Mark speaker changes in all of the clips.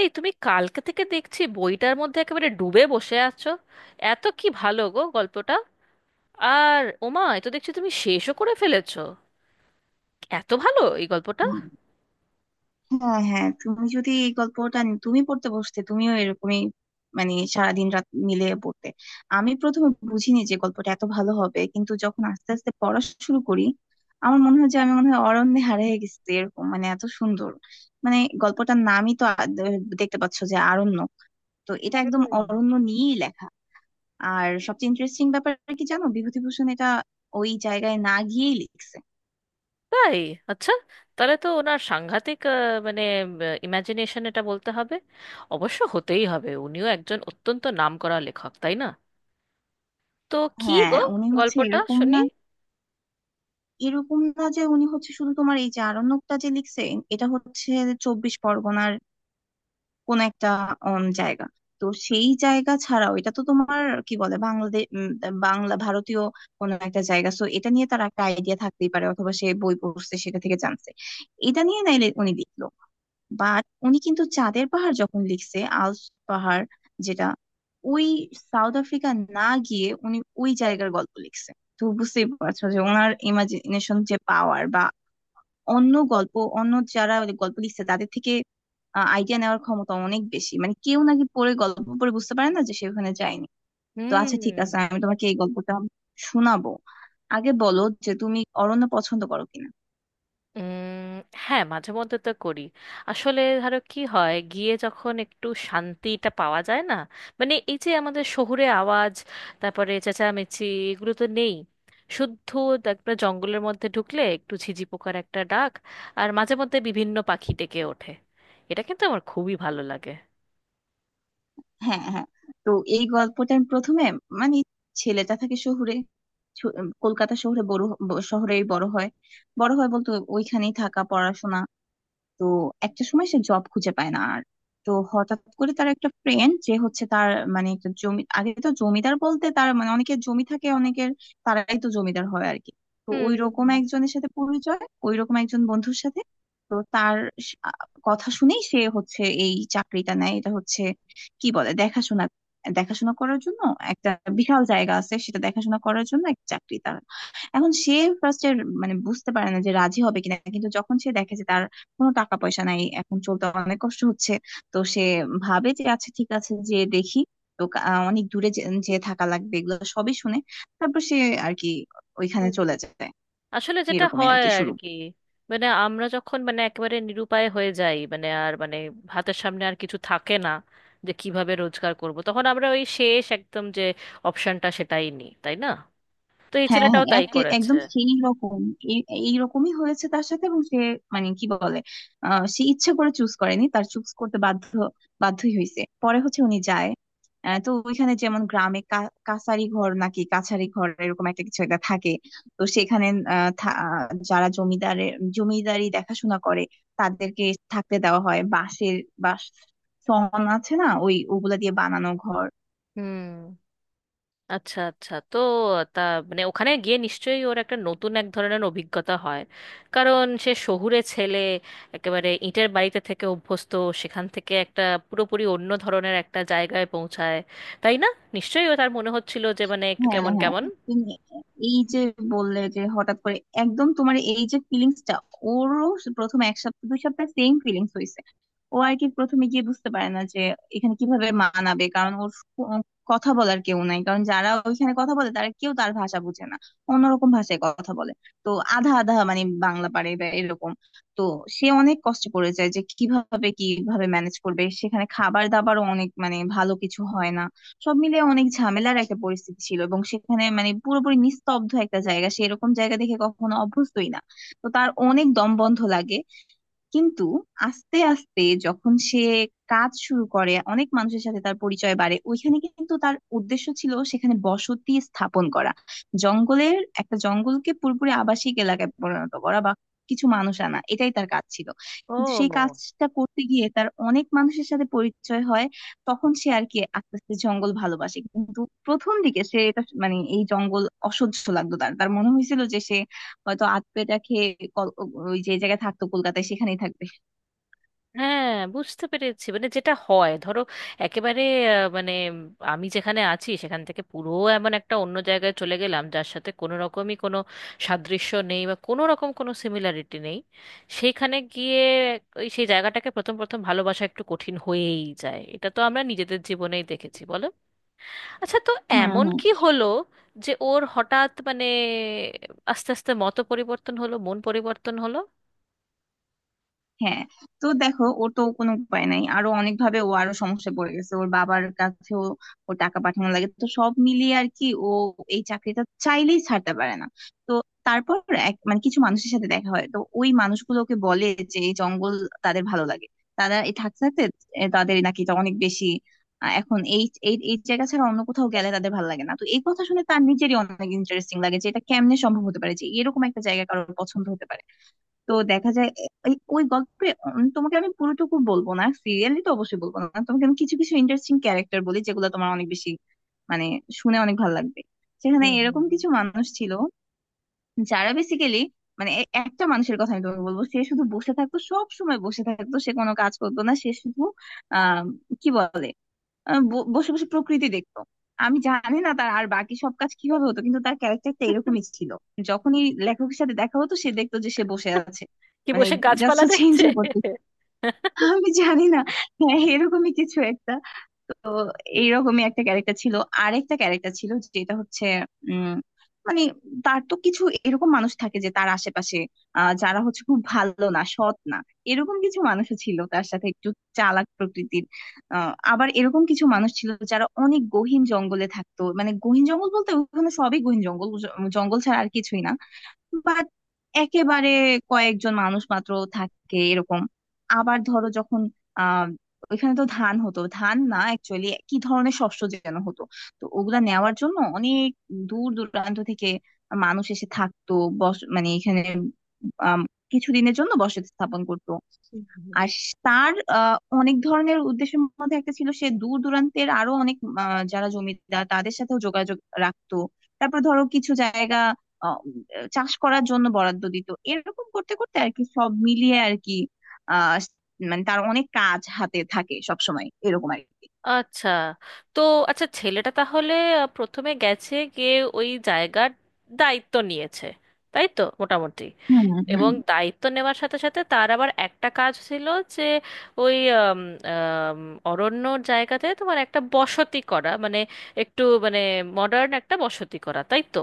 Speaker 1: এই তুমি কালকে থেকে দেখছি বইটার মধ্যে একেবারে ডুবে বসে আছো। এত কি ভালো গো গল্পটা! আর ওমা, এ তো দেখছি তুমি শেষও করে ফেলেছো। এত ভালো এই গল্পটা!
Speaker 2: উম, হ্যাঁ হ্যাঁ, তুমি যদি এই গল্পটা তুমি পড়তে বসতে, তুমিও এরকমই, মানে সারাদিন রাত মিলে পড়তে। আমি প্রথমে বুঝিনি যে গল্পটা এত ভালো হবে, কিন্তু যখন আস্তে আস্তে পড়া শুরু করি, আমার মনে হয় যে আমি মনে হয় অরণ্যে হারিয়ে গেছি, এরকম মানে এত সুন্দর। মানে গল্পটার নামই তো দেখতে পাচ্ছ যে আরণ্য, তো এটা একদম
Speaker 1: হুম।
Speaker 2: অরণ্য নিয়েই লেখা। আর সবচেয়ে ইন্টারেস্টিং ব্যাপার কি জানো, বিভূতিভূষণ এটা ওই জায়গায় না গিয়েই লিখছে।
Speaker 1: তাই? আচ্ছা। তাহলে তো ওনার সাংঘাতিক মানে ইমাজিনেশন এটা বলতে হবে। অবশ্য হতেই হবে, উনিও একজন অত্যন্ত নামকরা লেখক, তাই না? তো কি গো,
Speaker 2: হ্যাঁ, উনি হচ্ছে
Speaker 1: গল্পটা
Speaker 2: এরকম
Speaker 1: শুনি।
Speaker 2: না। এরকম না যে উনি হচ্ছে শুধু তোমার এই যে আরণ্যকটা যে লিখছে, এটা হচ্ছে চব্বিশ পরগনার কোন একটা জায়গা। তো সেই জায়গা ছাড়াও এটা তো তোমার কি বলে বাংলাদেশ, বাংলা ভারতীয় কোন একটা জায়গা। সো এটা নিয়ে তার একটা আইডিয়া থাকতেই পারে, অথবা সে বই পড়ছে সেটা থেকে জানছে এটা নিয়ে, নাইলে উনি লিখলো। বাট উনি কিন্তু চাঁদের পাহাড় যখন লিখছে, আল্পস পাহাড় যেটা ওই সাউথ আফ্রিকা, না গিয়ে উনি ওই জায়গার গল্প লিখছে। তো বুঝতেই পারছো যে ওনার ইমাজিনেশন যে পাওয়ার, বা অন্য গল্প, অন্য যারা গল্প লিখছে তাদের থেকে আইডিয়া নেওয়ার ক্ষমতা অনেক বেশি। মানে কেউ নাকি পড়ে গল্প পড়ে বুঝতে পারে না যে সে ওখানে যায়নি। তো
Speaker 1: হুম।
Speaker 2: আচ্ছা ঠিক আছে, আমি তোমাকে এই গল্পটা শোনাবো, আগে বলো যে তুমি অরণ্য পছন্দ করো কিনা।
Speaker 1: উম, হ্যাঁ মাঝে মধ্যে তো করি। আসলে ধরো কি হয়, গিয়ে যখন একটু শান্তিটা পাওয়া যায় না, মানে এই যে আমাদের শহুরে আওয়াজ, তারপরে চেঁচামেচি, এগুলো তো নেই। শুদ্ধ একটা জঙ্গলের মধ্যে ঢুকলে একটু ঝিঝি পোকার একটা ডাক, আর মাঝে মধ্যে বিভিন্ন পাখি ডেকে ওঠে, এটা কিন্তু আমার খুবই ভালো লাগে।
Speaker 2: হ্যাঁ হ্যাঁ। তো এই গল্পটার প্রথমে মানে ছেলেটা থাকে শহুরে, ছ- কলকাতা শহরে বড় শহরেই বড় হয়। বড় হয় বলতে ওইখানেই থাকা পড়াশোনা। তো একটা সময় সে জব খুঁজে পায় না আর। তো হঠাৎ করে তার একটা ফ্রেন্ড যে হচ্ছে তার মানে একটা জমি, আগে তো জমিদার বলতে তার মানে অনেকের জমি থাকে অনেকের, তারাই তো জমিদার হয় আর কি। তো ওই রকম
Speaker 1: হুম।
Speaker 2: একজনের সাথে পরিচয়, ওই রকম একজন বন্ধুর সাথে। তো তার স- আ, কথা শুনেই সে হচ্ছে এই চাকরিটা নেয়। এটা হচ্ছে কি বলে দেখাশোনা, দেখাশোনা করার জন্য একটা বিশাল জায়গা আছে, সেটা দেখাশোনা করার জন্য একটা চাকরি তার। এখন সে ফার্স্টে মানে বুঝতে পারে না যে রাজি হবে কিনা, কিন্তু যখন সে দেখে যে তার কোনো টাকা পয়সা নাই, এখন চলতে অনেক কষ্ট হচ্ছে, তো সে ভাবে যে আচ্ছা ঠিক আছে যে দেখি। তো অনেক দূরে যে যেয়ে থাকা লাগবে এগুলো সবই শুনে তারপর সে আর কি ওইখানে চলে যায়,
Speaker 1: আসলে যেটা
Speaker 2: এরকমই আর
Speaker 1: হয়
Speaker 2: কি
Speaker 1: আর
Speaker 2: শুরু।
Speaker 1: কি, মানে আমরা যখন মানে একেবারে নিরুপায় হয়ে যাই, মানে আর মানে হাতের সামনে আর কিছু থাকে না যে কিভাবে রোজগার করব, তখন আমরা ওই শেষ একদম যে অপশনটা সেটাই নিই, তাই না? তো এই
Speaker 2: হ্যাঁ হ্যাঁ,
Speaker 1: ছেলেটাও তাই
Speaker 2: এক
Speaker 1: করেছে।
Speaker 2: একদম সেই রকম এইরকমই হয়েছে তার সাথে, এবং সে মানে কি বলে, সে ইচ্ছে করে চুজ করেনি, তার চুজ করতে বাধ্য বাধ্যই হয়েছে, পরে হচ্ছে উনি যায়। তো ওইখানে যেমন গ্রামে কাছারি ঘর নাকি কাছারি ঘর এরকম একটা কিছু একটা থাকে। তো সেখানে আহ, থা- আহ, যারা জমিদারের জমিদারি দেখাশোনা করে, তাদেরকে থাকতে দেওয়া হয় বাঁশের, বাঁশ সন আছে না, ওই ওগুলা দিয়ে বানানো ঘর।
Speaker 1: হুম। আচ্ছা আচ্ছা। তো তা মানে ওখানে গিয়ে নিশ্চয়ই ওর একটা নতুন এক ধরনের অভিজ্ঞতা হয়, কারণ সে শহুরে ছেলে, একেবারে ইটের বাড়িতে থেকে অভ্যস্ত। সেখান থেকে একটা পুরোপুরি অন্য ধরনের একটা জায়গায় পৌঁছায়, তাই না? নিশ্চয়ই ও তার মনে হচ্ছিল যে মানে একটু
Speaker 2: হ্যাঁ
Speaker 1: কেমন
Speaker 2: হ্যাঁ।
Speaker 1: কেমন।
Speaker 2: তুমি এই যে বললে যে হঠাৎ করে একদম তোমার এই যে ফিলিংসটা, ওরও প্রথম এক সপ্তাহ দুই সপ্তাহ সেম ফিলিংস হয়েছে। ও আর কি প্রথমে গিয়ে বুঝতে পারে না যে এখানে কিভাবে মানাবে, কারণ ওর কো- কথা বলার কেউ নাই, কারণ যারা ওইখানে কথা বলে তারা কেউ তার ভাষা বুঝে না, অন্যরকম ভাষায় কথা বলে। তো আধা আধা মানে বাংলা পারে বা এরকম। তো সে অনেক কষ্ট করে যায় যে কিভাবে কিভাবে ম্যানেজ করবে, সেখানে খাবার দাবারও অনেক মানে ভালো কিছু হয় না। সব মিলে অনেক ঝামেলার একটা পরিস্থিতি ছিল, এবং সেখানে মানে পুরোপুরি নিস্তব্ধ একটা জায়গা, সে এরকম জায়গা দেখে কখনো অভ্যস্তই না। তো তার অনেক দম বন্ধ লাগে। কিন্তু আস্তে আস্তে যখন সে কাজ শুরু করে, অনেক মানুষের সাথে তার পরিচয় বাড়ে ওইখানে, কিন্তু তার উদ্দেশ্য ছিল সেখানে বসতি স্থাপন করা, জঙ্গলের একটা জঙ্গলকে পুরোপুরি আবাসিক এলাকায় পরিণত করা বা কিছু মানুষ আনা, এটাই তার কাজ ছিল। কিন্তু সেই
Speaker 1: ও
Speaker 2: কাজটা করতে গিয়ে তার অনেক মানুষের সাথে পরিচয় হয়। তখন সে আর কি আস্তে আস্তে জঙ্গল ভালোবাসে, কিন্তু প্রথম দিকে সে এটা মানে এই জঙ্গল অসহ্য লাগতো তার, তার মনে হয়েছিল যে সে হয়তো আধপেটা খেয়ে কল- ওই যে জায়গায় থাকতো কলকাতায় সেখানেই থাকবে।
Speaker 1: হ্যাঁ, বুঝতে পেরেছি। মানে যেটা হয় ধরো, একেবারে মানে আমি যেখানে আছি সেখান থেকে পুরো এমন একটা অন্য জায়গায় চলে গেলাম যার সাথে কোনো রকমই কোনো সাদৃশ্য নেই বা কোনো রকম কোনো সিমিলারিটি নেই, সেইখানে গিয়ে ওই সেই জায়গাটাকে প্রথম প্রথম ভালোবাসা একটু কঠিন হয়েই যায়। এটা তো আমরা নিজেদের জীবনেই দেখেছি, বলো। আচ্ছা, তো
Speaker 2: হুম
Speaker 1: এমন
Speaker 2: হুম।
Speaker 1: কি হলো যে ওর হঠাৎ মানে আস্তে আস্তে মত পরিবর্তন হলো, মন পরিবর্তন হলো?
Speaker 2: হ্যাঁ, তো দেখো ওর তো কোনো উপায় নাই, আরো অনেক ভাবে ও আরো সমস্যায় পড়ে গেছে, ওর বাবার কাছেও ও টাকা পাঠানো লাগে, তো সব মিলিয়ে আর কি ও এই চাকরিটা চাইলেই ছাড়তে পারে না। তো তারপর এক মানে কিছু মানুষের সাথে দেখা হয়, তো ওই মানুষগুলোকে বলে যে এই জঙ্গল তাদের ভালো লাগে। তারা এই থাকতে থাকতে তাদের নাকি এটা অনেক বেশি এখন এই এই এই জায়গা ছাড়া অন্য কোথাও গেলে তাদের ভালো লাগে না। তো এই কথা শুনে তার নিজেরই অনেক ইন্টারেস্টিং লাগে যে এটা কেমনে সম্ভব হতে পারে যে এরকম একটা জায়গা কারোর পছন্দ হতে পারে। তো দেখা যায় ওই গল্পে তোমাকে আমি পুরোটুকু বলবো না, সিরিয়ালি তো অবশ্যই বলবো না। তোমাকে আমি কিছু কিছু ইন্টারেস্টিং ক্যারেক্টার বলি যেগুলো তোমার অনেক বেশি মানে শুনে অনেক ভালো লাগবে। সেখানে
Speaker 1: হুম হুম
Speaker 2: এরকম
Speaker 1: হুম।
Speaker 2: কিছু মানুষ ছিল যারা বেসিক্যালি মানে একটা মানুষের কথা আমি তোমাকে বলবো। সে শুধু বসে থাকতো, সব সময় বসে থাকতো, সে কোনো কাজ করতো না, সে শুধু আহ কি বলে আহ ব- বসে বসে প্রকৃতি দেখতো। আমি জানি না তার আর বাকি সব কাজ কিভাবে হতো, কিন্তু তার ক্যারেক্টারটা এরকমই ছিল। যখনই লেখকের সাথে দেখা হতো সে দেখতো যে সে বসে আছে,
Speaker 1: কি,
Speaker 2: মানে
Speaker 1: বসে
Speaker 2: জাস্ট
Speaker 1: গাছপালা
Speaker 2: চেঞ্জ
Speaker 1: দেখছে?
Speaker 2: হয়ে পড়তো। আমি জানি না, হ্যাঁ এরকমই কিছু একটা। তো এইরকমই একটা ক্যারেক্টার ছিল। আরেকটা ক্যারেক্টার ছিল যেটা হচ্ছে উম মানে, তার তো কিছু এরকম মানুষ থাকে যে তার আশেপাশে, যারা হচ্ছে খুব ভালো না সৎ না। এরকম কিছু মানুষও ছিল তার সাথে একটু চালাক প্রকৃতির। আবার এরকম কিছু মানুষ ছিল যারা অনেক গহীন জঙ্গলে থাকতো, মানে গহীন জঙ্গল বলতে ওখানে সবই গহীন জঙ্গল, জঙ্গল ছাড়া আর কিছুই না। বাট একেবারে কয়েকজন মানুষ মাত্র থাকে এরকম। আবার ধরো যখন আহ ওইখানে তো ধান হতো, ধান না অ্যাকচুয়ালি কি ধরনের শস্য যেন হতো। তো ওগুলা নেওয়ার জন্য অনেক দূর দূরান্ত থেকে মানুষ এসে থাকতো। বস মানে এখানে আম, কিছুদিনের জন্য বসতি স্থাপন করতো।
Speaker 1: হুম, হুম।
Speaker 2: আর তার অনেক ধরনের উদ্দেশ্যের মধ্যে একটা ছিল সে দূর দূরান্তের আরো অনেক যারা জমিদার তাদের সাথেও যোগাযোগ রাখতো। তারপর ধরো কিছু জায়গা আহ, উম, চাষ করার জন্য বরাদ্দ দিত, এরকম করতে করতে আর কি সব মিলিয়ে আর কি আহ মানে তার অনেক কাজ হাতে থাকে সব সময় এরকম আর কি।
Speaker 1: আচ্ছা। তো আচ্ছা, ছেলেটা তাহলে প্রথমে গেছে, গিয়ে ওই জায়গার দায়িত্ব নিয়েছে, তাই তো মোটামুটি।
Speaker 2: হুম হুম।
Speaker 1: এবং দায়িত্ব নেওয়ার সাথে সাথে তার আবার একটা কাজ ছিল যে ওই আম, আম, অরণ্যর জায়গাতে তোমার একটা বসতি করা, মানে একটু মানে মডার্ন একটা বসতি করা, তাই তো,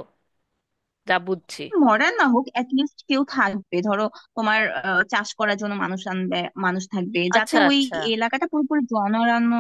Speaker 1: যা বুঝছি।
Speaker 2: মরা না হোক, লিস্ট কেউ থাকবে ধরো, তোমার চাষ করার জন্য মানুষ আনবে, মানুষ থাকবে যাতে
Speaker 1: আচ্ছা
Speaker 2: ওই
Speaker 1: আচ্ছা।
Speaker 2: এলাকাটা পুরোপুরি জনরান্য,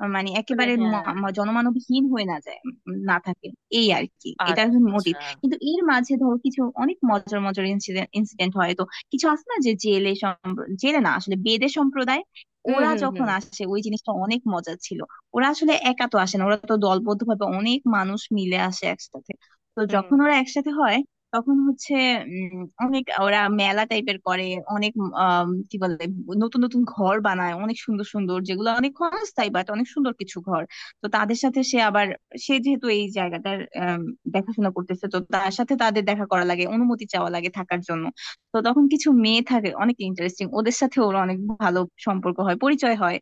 Speaker 2: মানে
Speaker 1: মানে
Speaker 2: একেবারে
Speaker 1: হ্যাঁ।
Speaker 2: জনমানবহীন হয়ে না যায়, না থাকে। এই আর কি এটা
Speaker 1: আচ্ছা।
Speaker 2: মোটিভ। কিন্তু এর মাঝে ধরো কিছু অনেক মজার মজার ইনসিডেন্ট ইনসিডেন্ট হয়। তো কিছু আছে না যে জেলে জেলে না আসলে বেদে সম্প্রদায়,
Speaker 1: হুম
Speaker 2: ওরা
Speaker 1: হুম
Speaker 2: যখন
Speaker 1: হুম
Speaker 2: আসে ওই জিনিসটা অনেক মজা ছিল। ওরা আসলে একা তো আসে না, ওরা তো দলবদ্ধ ভাবে অনেক মানুষ মিলে আসে একসাথে। তো
Speaker 1: হুম।
Speaker 2: যখন ওরা একসাথে হয় তখন হচ্ছে উম, অনেক ওরা মেলা টাইপের করে, অনেক আম, কি বলে নতুন নতুন ঘর বানায় অনেক সুন্দর সুন্দর, যেগুলো অনেক ক্ষণস্থায়ী বাট অনেক সুন্দর কিছু ঘর। তো তাদের সাথে সে আবার, সে যেহেতু এই জায়গাটার দেখাশোনা করতেছে, তো তার সাথে তাদের দেখা করা লাগে, অনুমতি চাওয়া লাগে থাকার জন্য। তো তখন কিছু মেয়ে থাকে অনেক ইন্টারেস্টিং, ওদের সাথে ওর অনেক ভালো সম্পর্ক হয় পরিচয় হয়।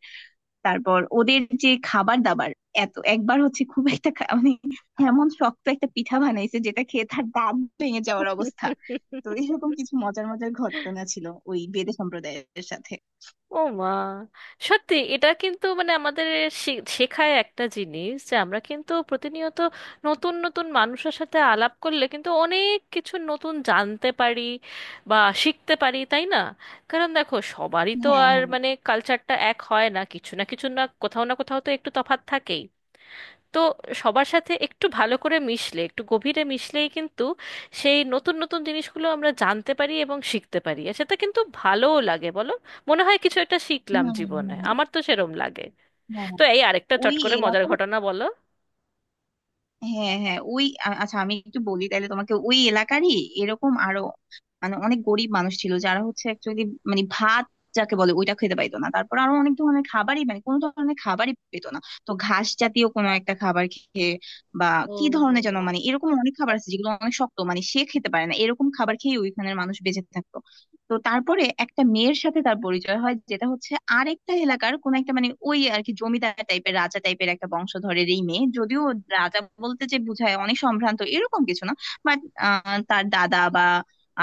Speaker 2: তারপর ওদের যে খাবার দাবার, এত একবার হচ্ছে খুব একটা মানে এমন শক্ত একটা পিঠা বানাইছে যেটা খেয়ে তার দাঁত ভেঙে যাওয়ার অবস্থা। তো এরকম কিছু মজার মজার ঘটনা ছিল ওই বেদে সম্প্রদায়ের সাথে।
Speaker 1: ও মা! সত্যি এটা কিন্তু মানে আমাদের শেখায় একটা জিনিস, যে আমরা কিন্তু প্রতিনিয়ত নতুন নতুন মানুষের সাথে আলাপ করলে কিন্তু অনেক কিছু নতুন জানতে পারি বা শিখতে পারি, তাই না? কারণ দেখো সবারই তো
Speaker 2: হ্যাঁ
Speaker 1: আর
Speaker 2: হ্যাঁ।
Speaker 1: মানে কালচারটা এক হয় না, কিছু না কিছু না, কোথাও না কোথাও তো একটু তফাৎ থাকেই। তো সবার সাথে একটু ভালো করে মিশলে, একটু গভীরে মিশলেই কিন্তু সেই নতুন নতুন জিনিসগুলো আমরা জানতে পারি এবং শিখতে পারি, আর সেটা কিন্তু ভালোও লাগে, বলো। মনে হয় কিছু একটা
Speaker 2: হম
Speaker 1: শিখলাম
Speaker 2: হম
Speaker 1: জীবনে,
Speaker 2: হম।
Speaker 1: আমার তো সেরম লাগে।
Speaker 2: হ্যাঁ
Speaker 1: তো এই আরেকটা চট
Speaker 2: ওই
Speaker 1: করে মজার
Speaker 2: এলাকার।
Speaker 1: ঘটনা বলো।
Speaker 2: হ্যাঁ হ্যাঁ ওই আচ্ছা আমি একটু বলি তাহলে তোমাকে, ওই এলাকারই এরকম আরো মানে অনেক গরিব মানুষ ছিল যারা হচ্ছে অ্যাকচুয়ালি মানে ভাত যাকে বলে ওইটা খেতে পাইতো না, তারপর আরো অনেক ধরনের খাবারই মানে কোনো ধরনের খাবারই পেতো না। তো ঘাস জাতীয় কোনো একটা খাবার খেয়ে, বা কি
Speaker 1: হুম
Speaker 2: ধরনের
Speaker 1: হুম।
Speaker 2: যেন মানে এরকম অনেক খাবার আছে যেগুলো অনেক শক্ত, মানে সে খেতে পারে না, এরকম খাবার খেয়ে ওইখানের মানুষ বেঁচে থাকতো। তো তারপরে একটা মেয়ের সাথে তার পরিচয় হয় যেটা হচ্ছে আরেকটা এলাকার কোন একটা মানে ওই আর কি জমিদার টাইপের রাজা টাইপের একটা বংশধরের এই মেয়ে, যদিও রাজা বলতে যে বুঝায় অনেক সম্ভ্রান্ত এরকম কিছু না, বাট তার দাদা বা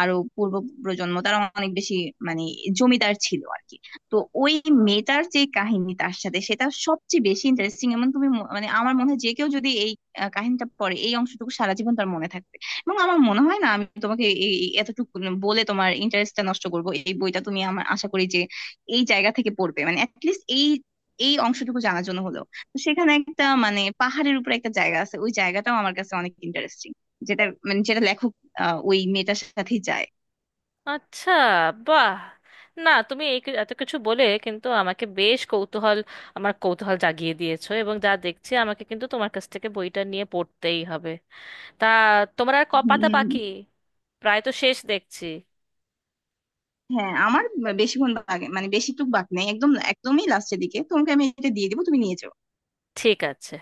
Speaker 2: আরো পূর্ব প্রজন্ম তারা অনেক বেশি মানে জমিদার ছিল আর কি। তো ওই মেয়েটার যে কাহিনী তার সাথে, সেটা সবচেয়ে বেশি ইন্টারেস্টিং। এমন তুমি মানে আমার মনে হয় যে কেউ যদি এই কাহিনীটা পড়ে এই অংশটুকু সারা জীবন তার মনে থাকবে। এবং আমার মনে হয় না আমি তোমাকে এই এই এতটুকু বলে তোমার ইন্টারেস্টটা নষ্ট করব। এই বইটা তুমি আমার আশা করি যে এই জায়গা থেকে পড়বে, মানে অ্যাটলিস্ট এই এই অংশটুকু জানার জন্য হলো। তো সেখানে একটা মানে পাহাড়ের উপরে একটা জায়গা আছে, ওই জায়গাটাও আমার কাছে অনেক ইন্টারেস্টিং, যেটা মানে যেটা লেখক ওই মেয়েটার সাথেই যায়।
Speaker 1: আচ্ছা, বাহ! না তুমি এই এত কিছু বলে কিন্তু আমাকে বেশ কৌতূহল, আমার কৌতূহল জাগিয়ে দিয়েছো, এবং যা দেখছি আমাকে কিন্তু তোমার কাছ থেকে বইটা নিয়ে পড়তেই হবে। তা তোমরা আর ক পাতা বাকি?
Speaker 2: উম,
Speaker 1: প্রায় তো শেষ দেখছি।
Speaker 2: হ্যাঁ আমার বেশিক্ষণ বাকি মানে বেশিটুকু বাকি নেই, একদম একদমই লাস্টের দিকে, তোমাকে আমি এটা দিয়ে দিবো তুমি নিয়ে যাও।
Speaker 1: ঠিক আছে।